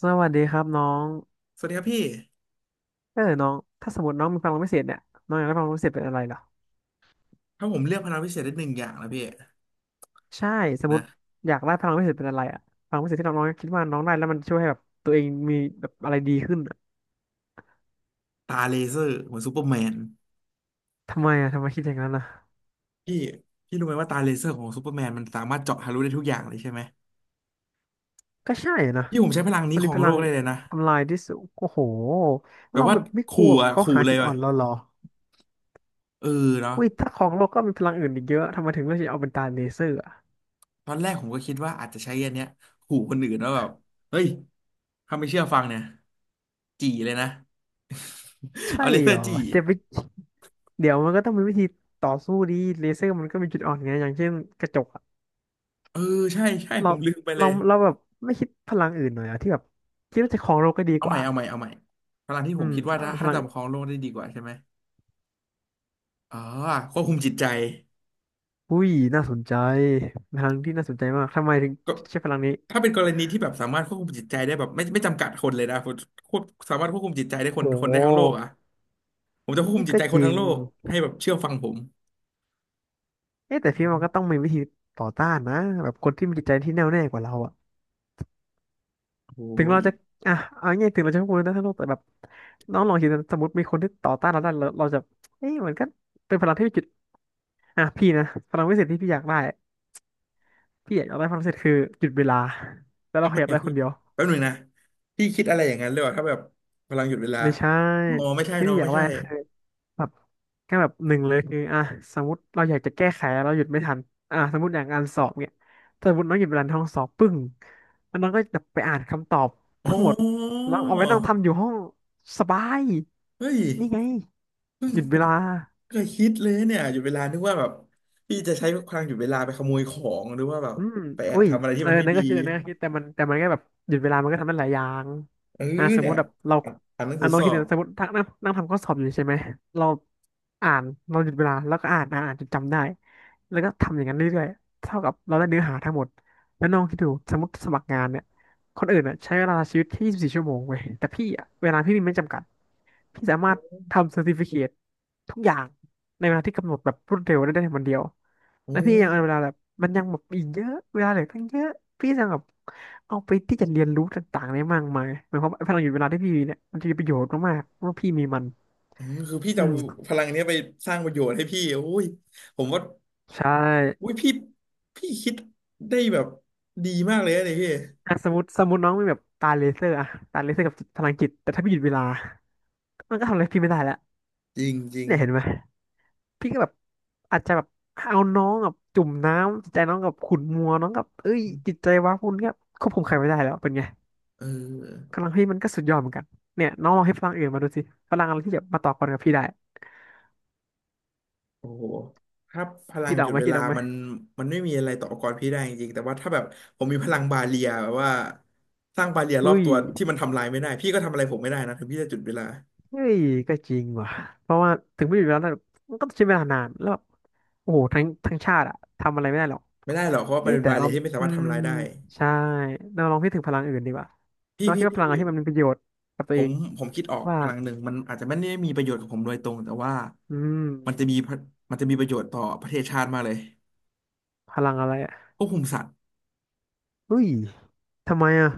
สวัสดีครับน้องสวัสดีครับพี่เออน้องถ้าสมมติน้องมีพลังพิเศษเนี่ยน้องอยากได้พลังพิเศษเป็นอะไรเหรอถ้าผมเลือกพลังพิเศษได้หนึ่งอย่างนะพี่ใช่สมมนะติอยากได้พลังพิเศษเป็นอะไรอะพลังพิเศษที่น้องน้องคิดว่าน้องได้แล้วมันช่วยให้แบบตัวเองมีแบบอะไรดีขึ้นอะตาเลเซอร์เหมือนซูเปอร์แมนทำไมอะทำไมคิดอย่างนั้นอะพี่พี่รู้ไหมว่าตาเลเซอร์ของซูเปอร์แมนมันสามารถเจาะทะลุได้ทุกอย่างเลยใช่ไหมก็ใช่นะพี่ผมใช้พลังนี้มันขมีองพโลลักงได้เลยนะทำลายที่สุดโอ้โหแบเราบว่าแบบไม่กขู่ลัวแบบอ่ะเขาขู่หาเลยจุดเลอ่อยนเราเหรอเออเนาะอุ้ยถ้าของโลกก็มีพลังอื่นอีกเยอะทำไมถึงเลือกที่จะเอาเป็นตาเลเซอร์อะตอนแรกผมก็คิดว่าอาจจะใช้อันเนี้ยขู่คนอื่นว่าแบบเฮ้ยถ้าไม่เชื่อฟังเนี่ยจี่เลยนะ ใช่เอาเลเซเหอรร์อจี่จะไปเดี๋ยวมันก็ต้องมีวิธีต่อสู้ดีเลเซอร์มันก็มีจุดอ่อนไงอย่างเช่นกระจก เออใช่ใช่เราผมลืมไปเลเรายเราแบบไม่คิดพลังอื่นหน่อยอะที่แบบคิดว่าจะครองโลกก็ดีเอากใหม่ว่าเอาใหม่เอาใหม่พลังที่อืผมมคิดว่าอ่าถ้าพถ้าลังจะประคองโลกได้ดีกว่าใช่ไหม อ๋อควบคุมจิตใจอุ้ยน่าสนใจพลังที่น่าสนใจมากทำไมถึงก็ใช้พลังนี้ถ้าเป็นกรณีที่แบบสามารถควบคุมจิตใจได้แบบไม่จำกัดคนเลยนะผมควบสามารถควบคุมจิตใจได้คโนคนได้ทั้งโลกหอ่ะผมจะควบคุมจิตก็ใจคจนริทั้งงโลกให้แบบเชื่อฟังผมเอ๊ะแต่พี่มันก็ต้องมีวิธีต่อต้านนะแบบคนที่มีจิตใจที่แน่วแน่กว่าเราอะโอ้ถึโหงเราจะอ่ะเอาง่ายๆถึงเราจะพูดนะทั้งโลกแต่แบบน้องลองคิดนะสมมติมีคนที่ต่อต้านเราได้เราจะเอ๊ะมันก็เป็นพลังที่มีจุดอ่ะพี่นะพลังวิเศษที่พี่อยากได้พี่อยากได้พลังพิเศษคือหยุดเวลาแล้วเราทำขไมยับอ่ะได้คพี่นเดียว แป๊บหนึ่งนะพี่คิดอะไรอย่างนั้นเลยว่ะถ้าแบบพำลังหยุดเวลาไม่ใช่อ๋อไม่ใช่ที่เนอะพี่อไม่ยากได้ใช่คือแบบแค่แบบหนึ่งเลยคืออ่ะสมมติเราอยากจะแก้ไขเราหยุดไม่ทันอ่ะสมมติอย่างการสอบเนี่ยถ้าสมมติน้องหยุดเวลาในห้องสอบปึ้งแล้วน้องก็แบบไปอ่านคำตอบทั้อ๋งหมดอแล้วเอาไว้นั่งทำอยู่ห้องสบายเฮ้ยนี่ไงเพิ่งหยุดผเวมลา เคยคิดเลยเนี่ยหยุดเวลานึกว่าแบบพี่จะใช้พลังหยุดเวลาไปขโมยของหรือว่าแบบอืมไปแอบอุ้ยทำอะไรที่เออมันไม่นั่นดี ก็คิดนั่นก็คิดแต่มันก็แบบหยุดเวลามันก็ทำได้หลายอย่างเอออ่าสมเนี่มุยติแบบเราอ่ะอ่านหนังอ่ะสือน้สอ้อคิดบเนะสมมตินั่งนั่งนั่งทำข้อสอบอยู่ใช่ไหมเราอ่านเราหยุดเวลาแล้วก็อ่านอ่านอ่านจนจำได้ แล้วก็ทำอย่างนั้นเรื่อยๆเท่ากับเราได้เนื้อหาทั้งหมด แล้วน้องคิดดูสมมติสมัครงานเนี่ยคนอื่นอ่ะใช้เวลาชีวิตที่24ชั่วโมงเว้ยแต่พี่อ่ะเวลาพี่มีไม่จำกัดพี่สามารถโทำเซอร์ติฟิเคททุกอย่างในเวลาที่กำหนดแบบรวดเร็วได้ในวันเดียว อ้แล้วพี่ยังเอาเวลาแบบมันยังแบบอีกเยอะเวลาเหลือตั้งเยอะพี่ยังแบบเอาไปที่จะเรียนรู้ต่างๆได้มากมายหมายความว่าพลังหยุดเวลาที่พี่มีเนี่ยมันจะมีประโยชน์มากๆเพราะว่าพี่มีมันอืมคือพี่จะอืเอามพลังเนี้ยไปสร้างประโยชน์ให้พี่อุ้ยผมว่าใช่อุ้ยพี่พี่คิดได้แบบดีมากเลยนะเนี่ยพี่อ่ะสมมติสมมติน้องมีแบบตาเลเซอร์อะตาเลเซอร์กับจิตพลังจิตแต่ถ้าพี่หยุดเวลามันก็ทำอะไรพี่ไม่ได้แล้วจริงจริงเนี่ยเห็นไหมพี่ก็แบบอาจจะแบบเอาน้องกับจุ่มน้ำจิตใจน้องกับขุ่นมัวน้องกับเอ้ยจิตใจว้าวุ่นก็ควบคุมใครไม่ได้แล้วเป็นไง เออกำลังพี่มันก็สุดยอดเหมือนกันเนี่ยน้องลองให้พลังอื่นมาดูสิพลังอะไรที่แบบมาต่อกรกับพี่ได้โอ้โหถ้าพลัคิงดอหอยุกดไหมเวคิดลาออกไหมมันไม่มีอะไรต่ออุปกรพี่ได้จริงๆแต่ว่าถ้าแบบผมมีพลังบาเรียแบบว่าสร้างบาเรียรอุ้อบยตัวที่มันทำลายไม่ได้พี่ก็ทำอะไรผมไม่ได้นะถึงพี่จะหยุดเวลาเฮ้ยก็จริงว่ะเพราะว่าถึงไม่อยู่แล้วนะมันก็ต้องใช้เวลานานแล้วแบบโอ้โหทั้งชาติอะทำอะไรไม่ได้หรอกไม่ได้หรอกเพราะว่าเอ้มันยเป็นแต่บาเรีเรายที่ไม่สาอืมารถมทำลายได้ใช่เราลองพิจารณาถึงพลังอื่นดีกว่าพี่น้องคิพี่ดว่าพพี่ลังอะไรพี่ ที่มันมีประโยชน์กับตัผวเอมงผมคิดออกว่าพลังหนึ่งมันอาจจะไม่ได้มีประโยชน์กับผมโดยตรงแต่ว่าอืมมันจะมีพระมันจะมีประโยชน์ต่อประเทศชาติมากเลยพลังอะไรอะควบคุมสัตว์อุ้ยทำไมอะ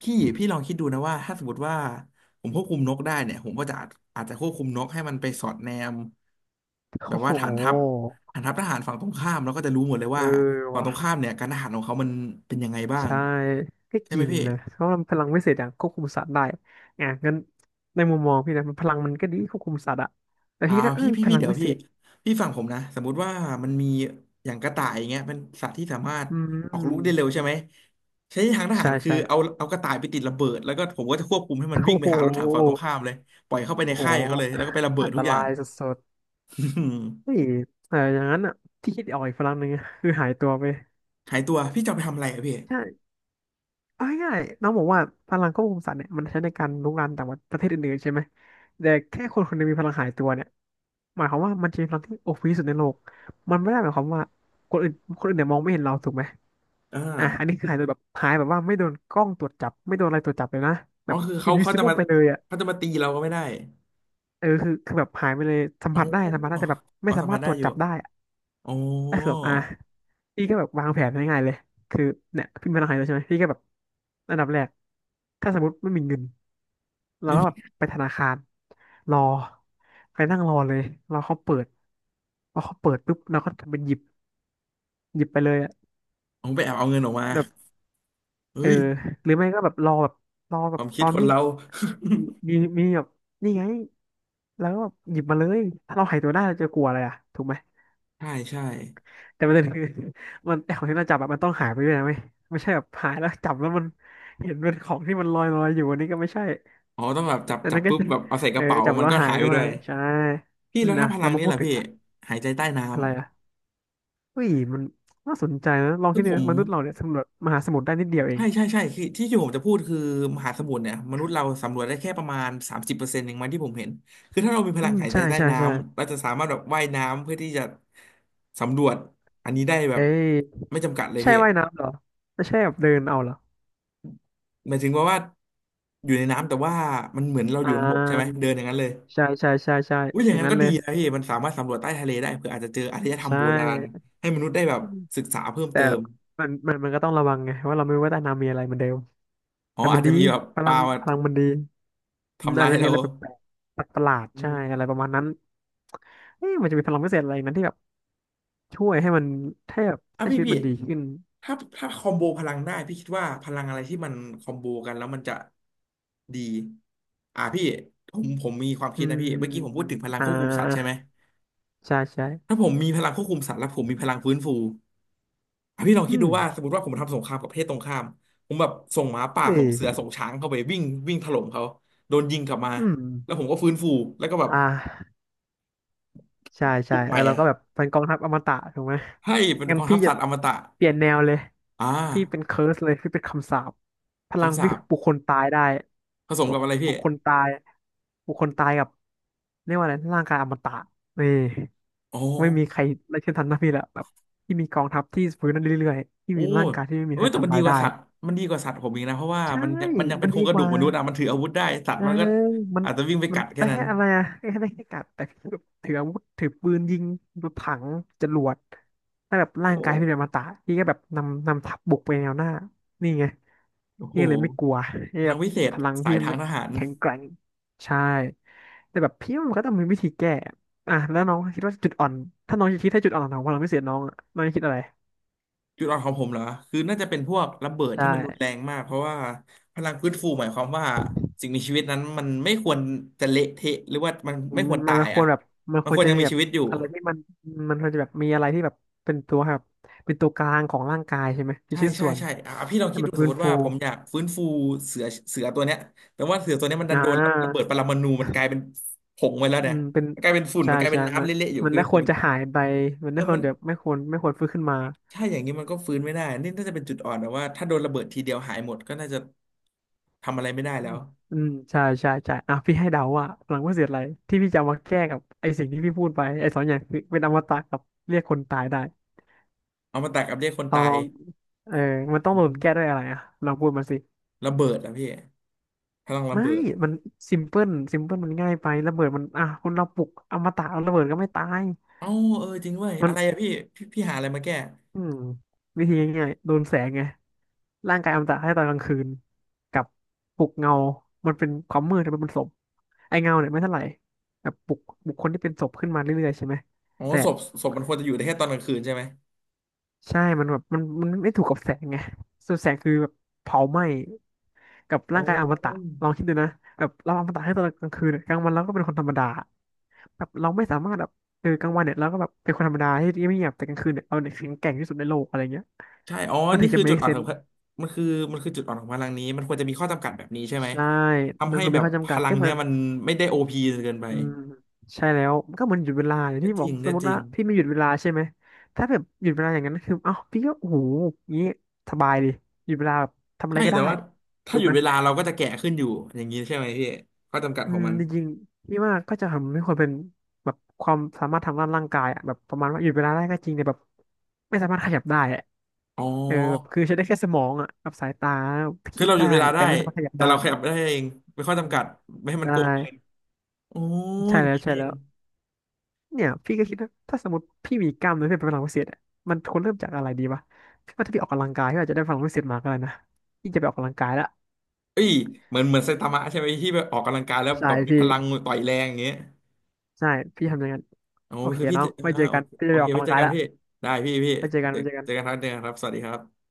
พี่ลองคิดดูนะว่าถ้าสมมติว่าผมควบคุมนกได้เนี่ยผมก็จะอาจจะควบคุมนกให้มันไปสอดแนมแบโอ้บโหว่าฐานทัพฐานทัพทหารฝั่งตรงข้ามแล้วก็จะรู้หมดเลยเอว่าอฝั่งว่ะ ตรงข้ามเนี่ยการทหารของเขามันเป็นยังไงบ้างใช่ก็ใช่จไหมริงพี่ นะเพราะว่ามันพลังวิเศษอย่างควบคุมสัตว์ได้อ่ะงั้นในมุมมองพี่นะมันพลังมันก็ดีควบคุมสัตว์อะแต่อ่าพี่นะเออพี่พี่พพี่ลังเดี๋ยววิเศพี่ษพี่ฟังผมนะสมมุติว่ามันมีอย่างกระต่ายอย่างเงี้ยเป็นสัตว์ที่สามารถอืออกลูกได้เร็มวใช่ไหมใช้ทางทหาใช่รคือใช่ เอากระต่ายไปติดระเบิดแล้วก็ผมก็จะควบคุมให้มัน วิ่โอ้งไปโหหารถถังฝั่งตรงข้ามเลยปล่อยเข้าไปในโอ้โหค่ายเขาเลยแล้วก็ไประเบิอัดนตทุกอย่าราง ยสุดๆเฮ้ย แต่อย่างนั้นอ่ะที่คิดออกอีกพลังหนึ่งอะคือหายตัวไป หายตัวพี่จะเอาไปทำอะไรอะพี่เอาง่ายๆน้องบอกว่าพลังควบคุมสัตว์เนี่ยมันใช้ในการรุกรานแต่ว่าประเทศอื่นๆใช่ไหมแต่แค่คนคนหนึงมีพลังหายตัวเนี่ยหมายความว่ามันจะมีพลังที่โอพีสุดในโลกมันไม่ได้หมายความว่าคนอื่นคนอื่นเนี่ยมองไม่เห็นเราถูกไหมอ่าอ่ะอันนี้คือหายตัวแบบหายแบบว่าไม่โดนกล้องตรวจจับไม่โดนอะไรตรวจจับเลยนะอ๋แบอบ คือเขาจะ invisible มาไปเลยอ่ะเขาจะมาตีเราก็ไม่ได้เออคือแบบหายไปเลยสัมโอผัสได้สัมผัสได้้แต่แบบไม่อ๋อสาสัมมาผัรสถตได้รวจอยู่จับได้อะโอ้ก็คือแบบอ่ะพี่ก็แบบวางแผนง่ายๆเลยคือเนี่ยพี่มีพลังหายตัวใช่ไหมพี่ก็แบบอันดับแรกถ้าสมมติไม่มีเงิน เราไม่ก็แบบมีไปธนาคารรอไปนั่งรอเลยรอเขาเปิดพอเขาเปิดปุ๊บเราก็ทำเป็นหยิบหยิบไปเลยอะผมไปแอบเอาเงินออกมาแบบเออเฮ้ยหรือไม่ก็แบบรอแบบรอคแบบวามคิตดอนคนที่เรา มีมีแบบนี่ไงแล้วก็แบบหยิบมาเลยถ้าเราหายตัวได้เราจะกลัวอะไรอะถูกไหม ใช่ใช่ แต่ประเด็นคือ มันไอของที่เราจับอะมันต้องหายไปด้วยนะไม่ใช่แบบหายแล้วจับแล้วมันเห็นเป็นของที่มันลอยลอยอยู่อันนี้ก็ไม่ใช่อ๋อต้องแบบจับอันจับนั้นก็ปุ๊บจะ แบบเอาใส่ กเออระเป๋าจับมันแล้วก็หายหายไปด้วด้วยยใช่พี่อืแล้มวถ้าอ่ะพลัเรางมานี่พูดล่ะถึงพี่หายใจใต้น้ำอะไรอะ เฮ้ยมันน่าสนใจนะลองคืคิอดดูผมนะมนุษย์เราเนี่ยสำรวจมหาสมุทรได้นิดเดียวเอใช่งใช่ใช่คือที่ผมจะพูดคือมหาสมุทรเนี่ยมนุษย์เราสำรวจได้แค่ประมาณ30%เองมั้งที่ผมเห็นคือถ้าเรามีพอืลังมหายใจใช่ใต้ใช่น้ใช่ำเราจะสามารถแบบว่ายน้ำเพื่อที่จะสำรวจอันนี้ได้แบเอ้บยไม่จำกัดเลยใช่พี่ว่ายน้ำเหรอไม่ใช่แบบเดินเอาเหรอหมายถึงว่าอยู่ในน้ำแต่ว่ามันเหมือนเราออ่ยู่บนบกใช่ไหมาเดินอย่างนั้นเลย ใช่ใช่ใช่ใช่อุ้ยออย่างย่างนั้นนั้นก็เลดียนะพี่มันสามารถสำรวจใต้ทะเลได้เผื่ออาจจะเจออารยธรรมใช่โบราณให้มนุษย์ได้แบบอืมศึกษาเพิ่มแต่เติมมันก็ต้องระวังไงว่าเราไม่รู้ว่าใต้น้ำมีอะไรเหมือนเดิมอ๋อแต่มัอานจจะดีมีแบบพปลัลางมามันดีอืมทำอาลาจยจะมีเราอะไรแปลกๆประหลาดอืๆใช่อะไรมประมาณนั้นเอ๊ะมันจะมีพลังพิเศษอะไรนั้นที่แบบช่วยให้มันให้แบบอ่ะให้พี่ชีวิตพี่มันดีขึ้นถ้าคอมโบพลังได้พี่คิดว่าพลังอะไรที่มันคอมโบกันแล้วมันจะดีอ่ะพี่ผมมีความอืคิดนะมพี่เมื่อกี้ผมพูดถึงพลังอ่าควบคุมสัตว์ใช่ไหมใช่ใช่ถ้าผมมีพลังควบคุมสัตว์แล้วผมมีพลังฟื้นฟู อพี่ลองอืคิดดูม ว่าสมมติว่าผมทำสงครามกับประเทศตรงข้ามผมแบบส่งหมาป่านี่ส่งเสือส่งช้างเข้าไปวิ่งวิ่งถล่มเขาโดนยิงกลับมาอืมแล้วผมก็ฟื้นฟูแล้วก็แบบอ่าใช่ปลุใช่กใหเอม่อเราอ่ะก็แบบเป็นกองทัพอมตะถูกไหมให้เป็นงั้กนองทัพี่พจะสัตว์อมตะเปลี่ยนแนวเลยอ่าพี่เป็นเคิร์สเลยพี่เป็นคำสาปพลังคำสาพี่ปคือปลุกคนตายได้ผสมแบบกับอะไรปพี่ลุกคนตายปลุกคนตายกับเรียกว่าอะไรร่างกายอมตะนี่อ๋อไม่มีใครไล่เช่นทันนะพี่ละแบบที่มีกองทัพที่ฟื้นนั่นเรื่อยๆที่โอ้มีร่างกายที่ไม่มีเอ้ใคยรแต่มันทำดีลายกว่าได้สัตว์มันดีกว่าสัตว์ผมอีกนะเพราะว่าใช่มันมันยังเป็มันนโครดีงกกระดูกว่า มนุษย์อะมันถืออาวุธได้สัตเอว์อมันก็มันอาจจะวิ่งไปกัดแค่แต่นั้นอะไรอะแค่ได้แค่กัดแต่ถืออาวุธถือปืนยิงถังจรวดถ้าแบบร่างกายโอพี่เป็นอมตะพี่ก็แบบนำทัพบุกไปแนวหน้า นี่ไง้โหพี่ก็เลยไม่กลัวพี่พแบลังบวิเศษพลังสาพี่ยทางไม่ทหาร แข็งแกร่งใช่แต่แบบพี่ว่ามันก็ต้องมีวิธีแก้อ่ะแล้วน้องคิดว่าจุดอ่อนถ้าน้องจะคิดให้จุดอ่อนของพลังพิเศษน้องอะน้องจะคิดอะไรจุดอ่อนของผมเหรอคือน่าจะเป็นพวกระเบิดใช่ ที่มันรุนแรงมากเพราะว่าพลังฟื้นฟูหมายความว่าสิ่งมีชีวิตนั้นมันไม่ควรจะเละเทะหรือว่ามันอืไม่มควรมัตานยควอ่ะรแบบมันมันคควรวรจะยังมีมีแบบชีวิตอยู่อะไรที่มันควรจะแบบมีอะไรที่แบบเป็นตัวแบบเป็นตัวกลางของร่างกายใช่ไหมเป็นใช่ชิ้นใช่ส่วนใช่อ่ะพี่ลองให้คิดมัดูนสฟื้มนมติฟูว่าผมอยากฟื้นฟูเสือตัวเนี้ยแต่ว่าเสือตัวเนี้ยมันดัอ่นโดนระเบิดาปรมาณูมันกลายเป็นผงไปแล้วอืเนี่ยมเป็นมันกลายเป็นฝุ่นใช่มันกลายเป็ใช่นมัน้ำนเละๆอยู่คือไม่คผวมรจะหายไปมันเอไม่อควมัรนจะไม่ควรฟื้นขึ้นมาใช่อย่างนี้มันก็ฟื้นไม่ได้นี่น่าจะเป็นจุดอ่อนนะว่าถ้าโดนระเบิดทีเดียวหายหมดก็น่าจะทำอะไรไม่ได้อืแล้มว อืมใช่ใช่ใช่อ่ะพี่ให้เดาว่าหลังว่าเสียอะไรที่พี่จะเอามาแก้กับไอ้สิ่งที่พี่พูดไปไอ้สองอย่างคือเป็นอมตะกับเรียกคนตายได้อมตะกับเรียกคนลอตางยเออมันต้องอืโดนแก้ด้วยมอะไรอ่ะลองพูดมาสิ ระเบิดอะพี่พลังระไม่ เบิดมันซิมเพิลมันง่ายไประเบิดมัน อ่ะคนเราปลุกอมตะเอาระเบิดก็ไม่ตาย เอ้าเออจริงเว้ยมัน อะไรอะพี่พี่หาอะไรมาแก้อืม วิธีง่ายๆโดนแสงไง ร่างกายอมตะให้ตอนกลางคืน กับปลุกเงา มันเป็นความมืดแต่มันเป็นศพไอ้เงาเนี่ยไม่เท่าไหร่แบบปลุกคนที่เป็นศพขึ้นมาเรื่อยๆใช่ไหม อ๋อแต่ ศพศพมันควรจะอยู่ได้แค่ตอนกลางคืนใช่ไหมใช่ มันแบบมันไม่ถูกกับแสงไงส่วนแสงคือแบบเผาไหม้กับอ๋ร่างกายอมตะอลองคิดดูนะแบบเราอมตะให้ตอนกลางคืนกลางวันเราก็เป็นคนธรรมดาแบบเราไม่สามารถแบบเออกลางวันเนี่ยเราก็แบบเป็นคนธรรมดาที่ไม่เงียบแต่กลางคืนเนี่ยเราเนี่ยแข็งแกร่งที่สุดในโลกอะไรเงี้ยใช่อ๋อมันถึนี่งจะ คือจุด make อ่อนของ sense พะมันคือมันคือจุดอ่อนของพลังนี้มันควรจะมีข้อจำกัดแบบนี้ใช่ไหมใช่ทำมันให้คงแบมีบข้อพจำกัดลัก็งเหมืเนี้อยน มันไม่ได้โอพีเกินไปอืมใช่แล้วมันก็เหมือนหยุดเวลาอย่างก็ที่จบอริกงสก็มมจติริว่างพี่ไม่หยุดเวลาใช่ไหมถ้าแบบหยุดเวลาอย่างนั้นคือเอ้าพี่ก็โอ้โหงี้สบายดิหยุดเวลาแบบทำอะไรใช่ก็แต่ได้ว่าถ้าถูหกยุดไหมเวลาเราก็จะแก่ขึ้นอยู่อย่างนี้ใช่ไหมพี่ข้อจำกัดอืของมมันจริงๆพี่ว่าก็จะทำให้คนเป็นแบบความสามารถทางด้านร่างกายอะแบบประมาณว่าหยุดเวลาได้ก็จริงแต่แบบไม่สามารถขยับได้อะอ๋อ เออแบบคือใช้ได้แค่สมองอ่ะกับสายตาคือคิดเราหยุได้ดเวลาแต่ได้ ไม่สามารถขยับแต่ได้เราขยับได้เอง ไม่ข้ออืจำมกัด ไม่ให้มันได้โกงเกินโอ้ยใช่อย่าแล้งวนี้นี่ใช่เอแล้งว เนี่ยพี่ก็คิดนะถ้าสมมติพี่มีกล้ามเนื้อเพื่อเป็นพลังพิเศษอะมันควรเริ่มจากอะไรดีวะพี่ว่าถ้าพี่ออกกำลังกายพี่อาจจะได้พลังพิเศษมาก็ได้นะพี่จะไปออกกำลังกายละเอ้ยเหมือนไซตามะใช่ไหมที่แบบออกกำลังกายแล้วใช่แบบมีพี่พลังต่อยแรงอย่างเงี้ยใช่พี่ทำอย่างนั้นโอ้โอเคคือพี่น้อเจงอไว้อ่าเจอโอกันเคพี่โอจะไปอเคอกไว้กำลังเจอกายกันละพี่ได้พี่ไว้เจอกันเจอไว้เจอกันเจอกันครับเจอกันครับสวัสดีครับ